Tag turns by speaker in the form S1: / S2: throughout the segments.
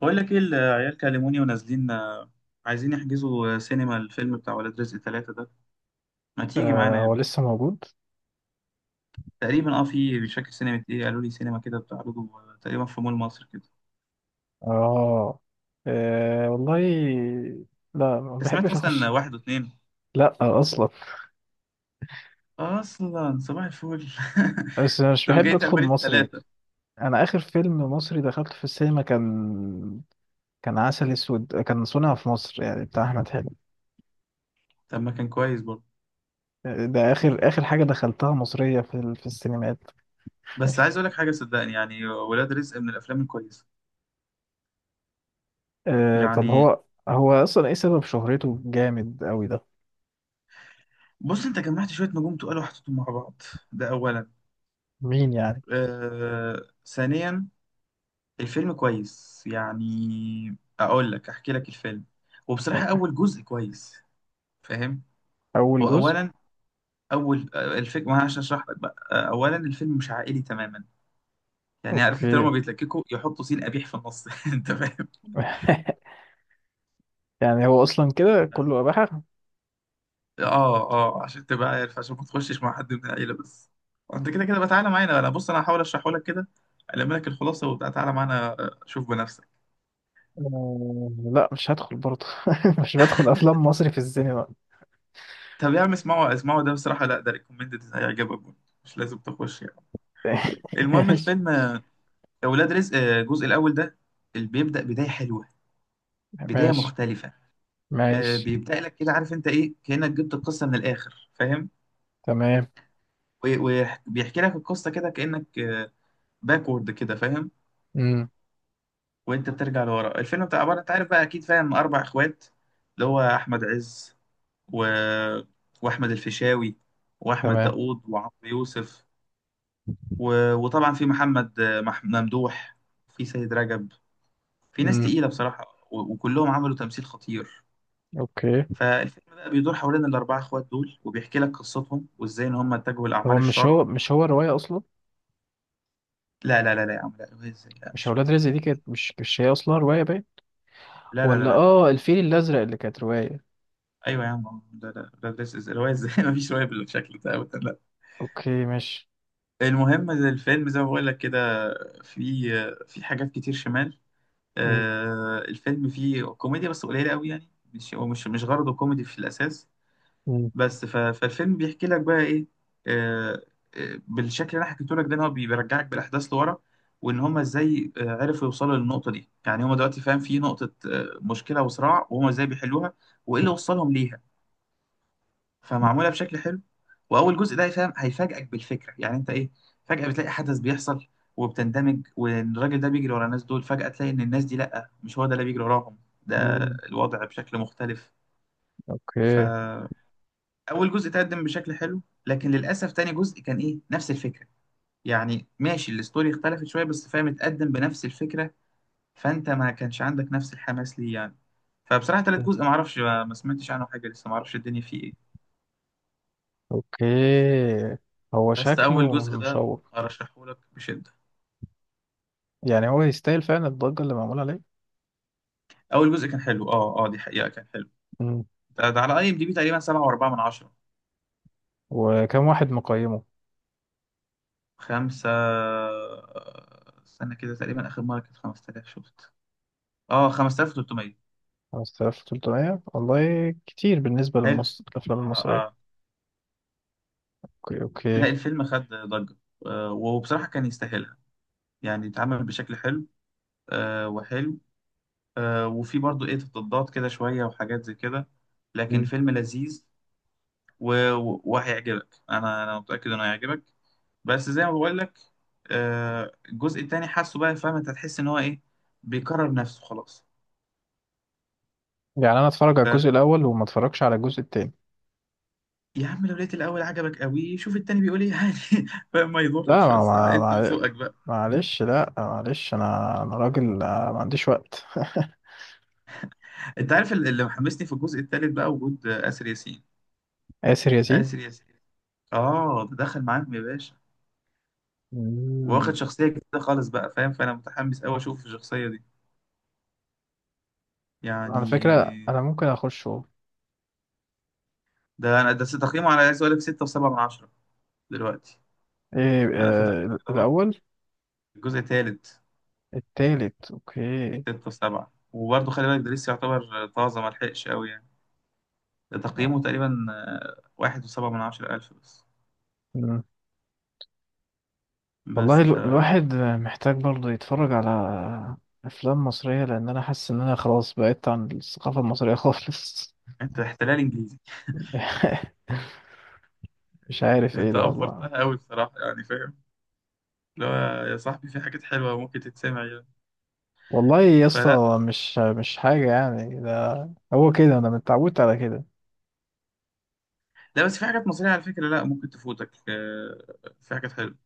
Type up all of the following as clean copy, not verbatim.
S1: بقول لك ايه، العيال كلموني ونازلين، عايزين يحجزوا سينما الفيلم بتاع ولاد رزق ثلاثة ده. ما تيجي
S2: آه،
S1: معانا؟
S2: هو لسه موجود؟
S1: تقريبا، في مش فاكر سينما ايه قالوا لي، سينما كده بتعرضه، تقريبا في مول مصر كده.
S2: اه. آه، والله. لا، ما
S1: أنت سمعت
S2: بحبش اخش.
S1: اصلا واحد واثنين؟
S2: لا اصلا.
S1: اصلا صباح الفل!
S2: بس أنا مش
S1: طب
S2: بحب
S1: جاي تعمل
S2: ادخل
S1: ايه في
S2: مصري.
S1: ثلاثة؟
S2: انا اخر فيلم مصري دخلته في السينما كان عسل اسود، كان صنع في مصر، يعني بتاع احمد حلمي.
S1: طب ما كان كويس برضه.
S2: آه، ده اخر اخر حاجه دخلتها مصريه في السينمات.
S1: بس عايز اقول لك حاجة، صدقني، يعني ولاد رزق من الافلام الكويسة.
S2: آه، طب
S1: يعني،
S2: هو اصلا ايه سبب شهرته جامد قوي ده؟
S1: بص، انت جمعت شوية نجوم تقال وحطيتهم مع بعض، ده اولا.
S2: مين يعني؟
S1: ثانيا، الفيلم كويس. يعني اقول لك احكي لك الفيلم. وبصراحة اول جزء كويس، فاهم؟
S2: اول
S1: هو
S2: جزء.
S1: اولا، اول الفيلم، ما أنا عشان اشرح لك بقى اولا، الفيلم مش عائلي تماما. يعني عارف انت لما
S2: اوكي.
S1: بيتلككوا يحطوا سين قبيح في النص، انت فاهم؟
S2: يعني هو اصلا كده كله اباحه؟
S1: اه. اه. عشان تبقى عارف، عشان ما تخشش مع حد من العيلة بس. انت كده كده بقى تعالى معانا، انا بص، انا هحاول اشرحه لك كده، الم لك الخلاصة وبتاع، تعالى معانا شوف بنفسك.
S2: آه، لا، مش هدخل برضه. مش بدخل افلام مصري في السينما.
S1: طب يا عم اسمعوا اسمعوا، ده بصراحة، لا، ده ريكومندد، هيعجبك برضه. مش لازم تخش يعني. المهم،
S2: ماشي،
S1: الفيلم اولاد رزق، الجزء الاول ده، اللي بيبدا بدايه حلوه، بدايه
S2: ماشي،
S1: مختلفه.
S2: ماشي.
S1: بيبدا لك كده، عارف انت ايه، كانك جبت القصه من الاخر، فاهم؟
S2: تمام.
S1: و- وبيحكي لك القصه كده، كانك باكورد كده، فاهم؟
S2: امم.
S1: وانت بترجع لورا. الفيلم بتاع عباره، انت عارف بقى اكيد، فاهم، اربع اخوات. اللي هو احمد عز و... واحمد الفيشاوي واحمد
S2: تمام.
S1: داوود وعمرو يوسف، و... وطبعا في محمد ممدوح، في سيد رجب، في ناس
S2: امم.
S1: تقيله بصراحه، و... وكلهم عملوا تمثيل خطير.
S2: اوكي.
S1: فالفيلم بقى بيدور حوالين الأربعة إخوات دول، وبيحكي لك قصتهم وإزاي إن هم اتجهوا لأعمال الشر.
S2: هو رواية اصلا؟
S1: لا لا لا لا يا عم، لا رواية إزاي، لا
S2: مش
S1: مش
S2: اولاد
S1: رواية
S2: رزق دي
S1: لا.
S2: كانت، مش هي اصلا رواية باين؟
S1: لا لا لا
S2: ولا
S1: لا لا.
S2: اه الفيل الازرق اللي كانت رواية؟
S1: أيوة يا عم، لا لا لا لا، إزاي رواية إزاي! مفيش رواية بالشكل ده أبدا، لا.
S2: اوكي، ماشي.
S1: المهم، الفيلم زي ما بقول لك كده، في في حاجات كتير شمال.
S2: مم.
S1: الفيلم فيه كوميديا بس قليلة قوي يعني. مش، هو مش غرضه كوميدي في الأساس.
S2: مم.
S1: بس ف- فالفيلم بيحكي لك بقى ايه؟ آه، بالشكل اللي انا حكيته لك ده، ان هو بيرجعك بالاحداث لورا. وان هما ازاي عرفوا يوصلوا للنقطه دي، يعني هما دلوقتي، فاهم، في نقطه مشكله وصراع، وهما ازاي بيحلوها وايه اللي وصلهم ليها.
S2: مم.
S1: فمعموله بشكل حلو. واول جزء ده، فاهم، هيفاجئك بالفكره، يعني انت ايه، فجاه بتلاقي حدث بيحصل وبتندمج، والراجل ده بيجري ورا الناس دول، فجاه تلاقي ان الناس دي، لا مش هو ده اللي بيجري وراهم، ده
S2: مم.
S1: الوضع بشكل مختلف.
S2: اوكي.
S1: اول جزء تقدم بشكل حلو، لكن للاسف تاني جزء كان ايه، نفس الفكره. يعني ماشي، الستوري اختلفت شويه، بس فاهم، اتقدم بنفس الفكره. فانت ما كانش عندك نفس الحماس ليه يعني. فبصراحه، تالت جزء ما اعرفش، ما سمعتش عنه حاجه لسه، ما اعرفش الدنيا فيه ايه.
S2: اوكي. هو
S1: بس اول
S2: شكله
S1: جزء ده
S2: مشوق.
S1: ارشحه لك بشده.
S2: يعني هو يستاهل فعلا الضجة اللي معمولة عليه؟
S1: اول جزء كان حلو، دي حقيقه، كان حلو.
S2: مم.
S1: ده على IMDb، تقريبا 7.4 من 10.
S2: وكم واحد مقيمه؟
S1: خمسة، استنى كده، تقريبا اخر مره كانت 5000، شفت، اه 5300.
S2: 5300 والله كتير بالنسبة
S1: حلو.
S2: للمصر الأفلام
S1: اه
S2: المصرية.
S1: آه.
S2: أوكي،
S1: لا،
S2: أوكي.
S1: الفيلم خد ضجة، وبصراحة كان يستاهلها. يعني اتعمل بشكل حلو وحلو، وفي برضو ايه، تضادات كده شوية وحاجات زي كده، لكن
S2: مم.
S1: فيلم لذيذ. و- و- وهيعجبك، انا متأكد انه هيعجبك. بس زي ما بقول لك، الجزء التاني حاسه بقى، فاهم، انت هتحس ان هو ايه، بيكرر نفسه خلاص.
S2: يعني أنا أتفرج على
S1: ف...
S2: الجزء الأول وما أتفرجش على الجزء التاني؟
S1: يا عم لو لقيت الاول عجبك قوي، شوف التاني بيقول ايه يعني. فاهم، ما
S2: لا،
S1: يضرش، بس انت وذوقك بقى.
S2: معلش، لا، معلش. أنا راجل، ما عنديش وقت.
S1: انت عارف اللي محمسني في الجزء التالت بقى، وجود آسر ياسين.
S2: آسر ياسين.
S1: آسر ياسين، اه ده دخل معاهم يا باشا، واخد
S2: مم.
S1: شخصية جديدة خالص بقى، فاهم، فأنا متحمس أوي أشوف الشخصية دي
S2: على فكرة
S1: يعني.
S2: أنا ممكن أخشه.
S1: ده تقييمه على، عايز أقول لك، 6.7 من 10 دلوقتي.
S2: إيه؟
S1: أنا فتحت كده أهو،
S2: الأول؟
S1: الجزء التالت،
S2: التالت. أوكي.
S1: 6.7. وبرضه خلي بالك، ده لسه يعتبر طازة، ملحقش أوي يعني. ده
S2: آه،
S1: تقييمه تقريبا 1.7، من 10,000 بس.
S2: والله
S1: بس،
S2: الواحد محتاج برضه يتفرج على أفلام مصرية، لأن أنا حاسس إن أنا خلاص بعدت عن الثقافة المصرية خالص.
S1: أنت احتلال إنجليزي.
S2: مش عارف إيه
S1: أنت
S2: ده والله.
S1: أفورتها أوي بصراحة، يعني، فاهم، اللي هو يا صاحبي في حاجات حلوة ممكن تتسمع يعني.
S2: والله يا
S1: فلا،
S2: اسطى، مش حاجة يعني ده. هو كده، أنا متعودت على كده.
S1: لا بس في حاجات مصرية على فكرة، لا ممكن تفوتك. في حاجات حلوة.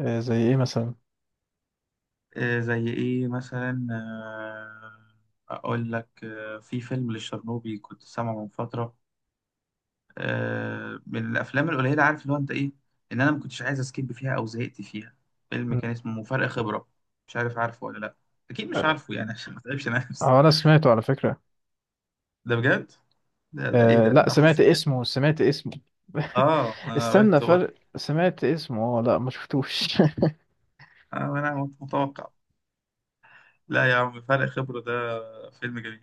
S2: آه، زي إيه مثلا؟
S1: زي ايه مثلا؟ اقول لك، في فيلم للشرنوبي كنت سامعه من فترة، من الافلام القليلة، عارف اللي هو انت ايه، ان انا ما كنتش عايز اسكيب فيها او زهقت فيها. فيلم
S2: م.
S1: كان اسمه مفارق خبرة. مش عارف، عارفه ولا لا؟ اكيد مش
S2: آه،
S1: عارفه، يعني عشان ما تعبش نفسي.
S2: هو أنا سمعته على فكرة.
S1: ده بجد. ده ايه،
S2: آه،
S1: ده
S2: لا،
S1: ده حظ
S2: سمعت
S1: حلو.
S2: اسمه، سمعت اسمه.
S1: اه انا
S2: استنى،
S1: قلت برضه،
S2: فرق، سمعت اسمه، اه لا ما شفتوش.
S1: انا متوقع. لا يا عم، فرق خبرة ده فيلم جميل.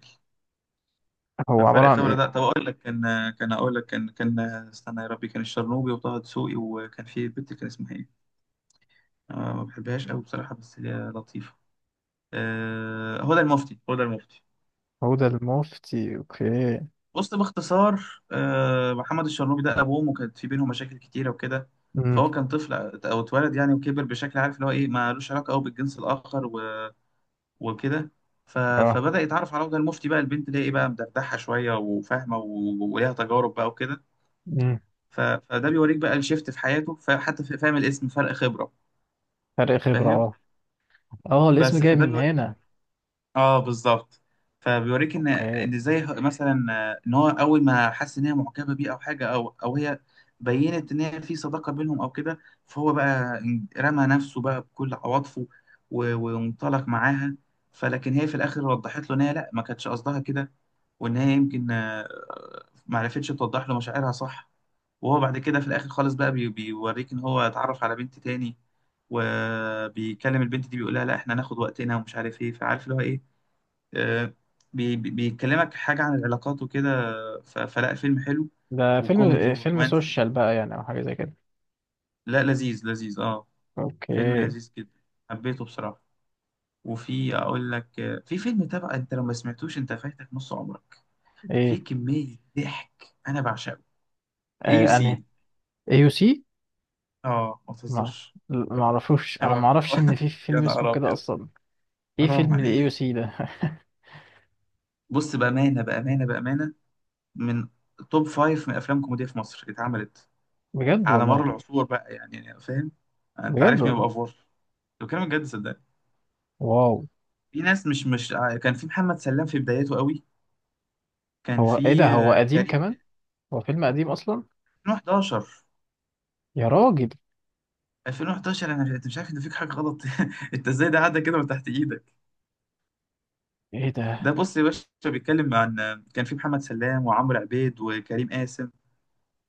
S2: هو عبارة
S1: ففرق
S2: عن
S1: خبرة
S2: إيه؟
S1: ده، طب أقول لك كان أقول لك كان استنى يا ربي، كان الشرنوبي وطه دسوقي، وكان في بنت، كان اسمها إيه؟ أنا ما بحبهاش أوي بصراحة، بس هي لطيفة. هدى المفتي. هدى المفتي.
S2: هدى المفتي، أوكي.
S1: بص باختصار، محمد الشرنوبي ده أبوه وأمه كانت في بينهم مشاكل كتيرة وكده.
S2: امم.
S1: فهو كان طفل، أو اتولد يعني وكبر بشكل، عارف اللي هو إيه، مالوش علاقة أوي بالجنس الآخر و- وكده. ف...
S2: اه،
S1: فبدأ يتعرف على هدى المفتي بقى، البنت اللي هي إيه بقى، مدردحة شوية وفاهمة و- وليها تجارب بقى وكده. ف- فده بيوريك بقى الشيفت في حياته، فحتى فاهم الاسم، فرق خبرة،
S2: فرق خبرة،
S1: فاهم؟
S2: اه، اه، الاسم
S1: بس
S2: جاي
S1: فده
S2: من
S1: بيوريك،
S2: هنا.
S1: اه بالظبط. فبيوريك ان
S2: اوكي.
S1: ان ازاي، مثلا ان هو اول ما حس ان هي معجبة بيه او حاجة، او هي بينت ان هي في صداقة بينهم او كده. فهو بقى رمى نفسه بقى بكل عواطفه، و- وانطلق معاها. فلكن هي في الاخر وضحت له ان هي لا، ما كانتش قصدها كده، وان هي يمكن ما عرفتش توضح له مشاعرها صح. وهو بعد كده في الاخر خالص بقى، بيوريك ان هو اتعرف على بنت تاني، وبيكلم البنت دي بيقولها لا، احنا هناخد وقتنا ومش عارف ايه، فعارف اللي هو ايه، آه، بيكلمك حاجة عن العلاقات وكده. فلا، فيلم حلو،
S2: ده
S1: وكوميدي
S2: فيلم
S1: ورومانسي.
S2: سوشيال بقى، يعني، او حاجة زي كده؟
S1: لا، لذيذ لذيذ اه. فيلم
S2: اوكي.
S1: لذيذ جدا، حبيته بصراحة. وفي اقول لك، في فيلم، تبع انت لو ما سمعتوش انت فايتك نص عمرك، في
S2: ايه؟
S1: كمية ضحك، انا بعشقه، اي يو
S2: انهي؟
S1: سي
S2: اي يو سي.
S1: اه ما
S2: ما
S1: تهزرش.
S2: ما
S1: اوعى
S2: اعرفوش، انا
S1: اوعى
S2: ما اعرفش
S1: اوعى!
S2: ان في
S1: يا
S2: فيلم اسمه
S1: نهار
S2: كده
S1: ابيض!
S2: اصلا. ايه
S1: حرام
S2: فيلم الاي يو
S1: عليك!
S2: سي ده؟
S1: بص بامانه بامانه بامانه، من توب فايف من افلام كوميديا في مصر اتعملت
S2: بجد
S1: على مر
S2: والله.
S1: العصور بقى يعني فاهم، انت
S2: بجد
S1: عارفني
S2: والله.
S1: ببقى فور. بتكلم بجد، صدقني.
S2: واو.
S1: في ناس، مش مش ع- كان في محمد سلام في بدايته قوي، كان
S2: هو ايه ده،
S1: في
S2: هو قديم
S1: كريم،
S2: كمان؟ هو فيلم قديم اصلا؟
S1: 2011.
S2: يا راجل.
S1: انا مش، أنت مش عارف ان فيك حاجه غلط! انت ازاي ده عدى كده من تحت ايدك؟
S2: ايه
S1: ده
S2: ده.
S1: بص يا باشا، بيتكلم عن، كان في محمد سلام وعمرو عبيد وكريم قاسم.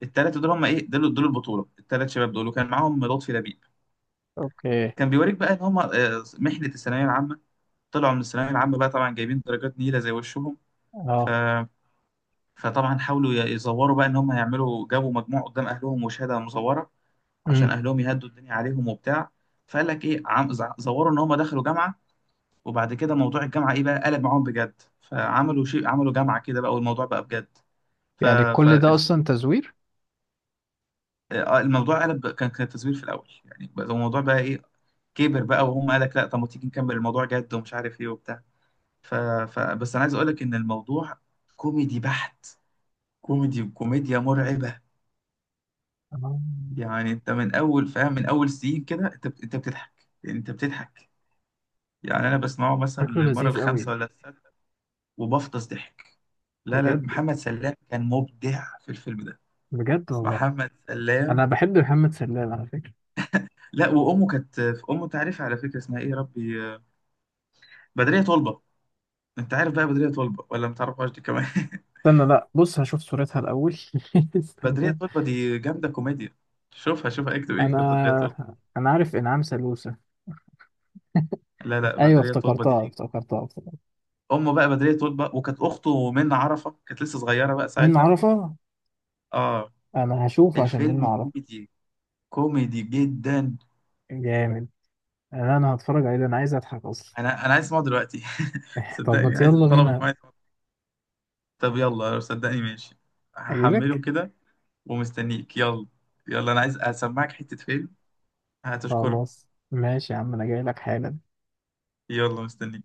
S1: التلاتة دول هم ايه، دول دول البطولة، التلات شباب دول، وكان معاهم لطفي لبيب.
S2: اوكي.
S1: كان بيوريك بقى ان هم محنة الثانوية العامة، طلعوا من الثانوية العامة بقى طبعا جايبين درجات نيلة زي وشهم. ف...
S2: اه.
S1: فطبعا حاولوا ي- يزوروا بقى ان هم يعملوا، جابوا مجموع قدام اهلهم وشهادة مزورة، عشان
S2: امم.
S1: اهلهم يهدوا الدنيا عليهم وبتاع. فقال لك ايه، زوروا ان هم دخلوا جامعة. وبعد كده موضوع الجامعة ايه بقى، قلب معاهم بجد، فعملوا شيء، عملوا جامعة كده بقى والموضوع بقى بجد. ف...
S2: يعني كل ده
S1: فالفيلم
S2: اصلا تزوير؟
S1: آه، الموضوع قلب كان كان تزوير في الاول يعني بقى الموضوع بقى ايه كبر بقى وهم قالك لا طب ما تيجي نكمل الموضوع جد ومش عارف ايه وبتاع ف... بس انا عايز اقولك ان الموضوع كوميدي بحت، كوميدي، كوميديا مرعبة.
S2: آه.
S1: يعني انت من اول، فاهم، من اول سين كده انت انت بتضحك، يعني انت بتضحك. يعني انا بسمعه مثلا
S2: شكله
S1: للمرة
S2: لذيذ قوي.
S1: الخامسة ولا السادسة وبفطس ضحك. لا لا،
S2: بجد.
S1: محمد سلام كان مبدع في الفيلم ده،
S2: بجد والله.
S1: محمد سلام.
S2: انا بحب محمد سلام على فكره.
S1: لا، وامه كانت، امه تعرف على فكرة اسمها ايه يا ربي، بدرية طلبة. انت عارف بقى بدرية طلبة ولا ما تعرفهاش دي كمان؟
S2: استنى، لا، بص هشوف صورتها الاول.
S1: بدرية
S2: استنى.
S1: طلبة دي جامدة كوميديا. شوفها شوفها، اكتب
S2: انا
S1: اكتب بدرية طلبة.
S2: انا عارف انعام سلوسة.
S1: لا لا،
S2: ايوه،
S1: بدرية طلبة
S2: افتكرتها،
S1: دي.
S2: افتكرتها، افتكرتها.
S1: أمه بقى بدرية طلبة، وكانت أخته منة عرفة كانت لسه صغيرة بقى
S2: من
S1: ساعتها.
S2: عرفه؟
S1: اه
S2: انا هشوفه عشان من
S1: الفيلم
S2: عرفه.
S1: كوميدي، كوميدي جدا.
S2: جامد. انا هتفرج عليه ده، انا عايز اضحك اصلا.
S1: أنا عايز أسمعه دلوقتي،
S2: طب ما
S1: صدقني عايز
S2: يلا
S1: طلبت
S2: بينا.
S1: معايا. طب يلا، صدقني، ماشي. هحمله
S2: اجيلك.
S1: كده ومستنيك. يلا يلا، أنا عايز أسمعك حتة فيلم، هتشكرني.
S2: خلاص ماشي يا عم، انا جاي لك حالا.
S1: يلا مستنيك.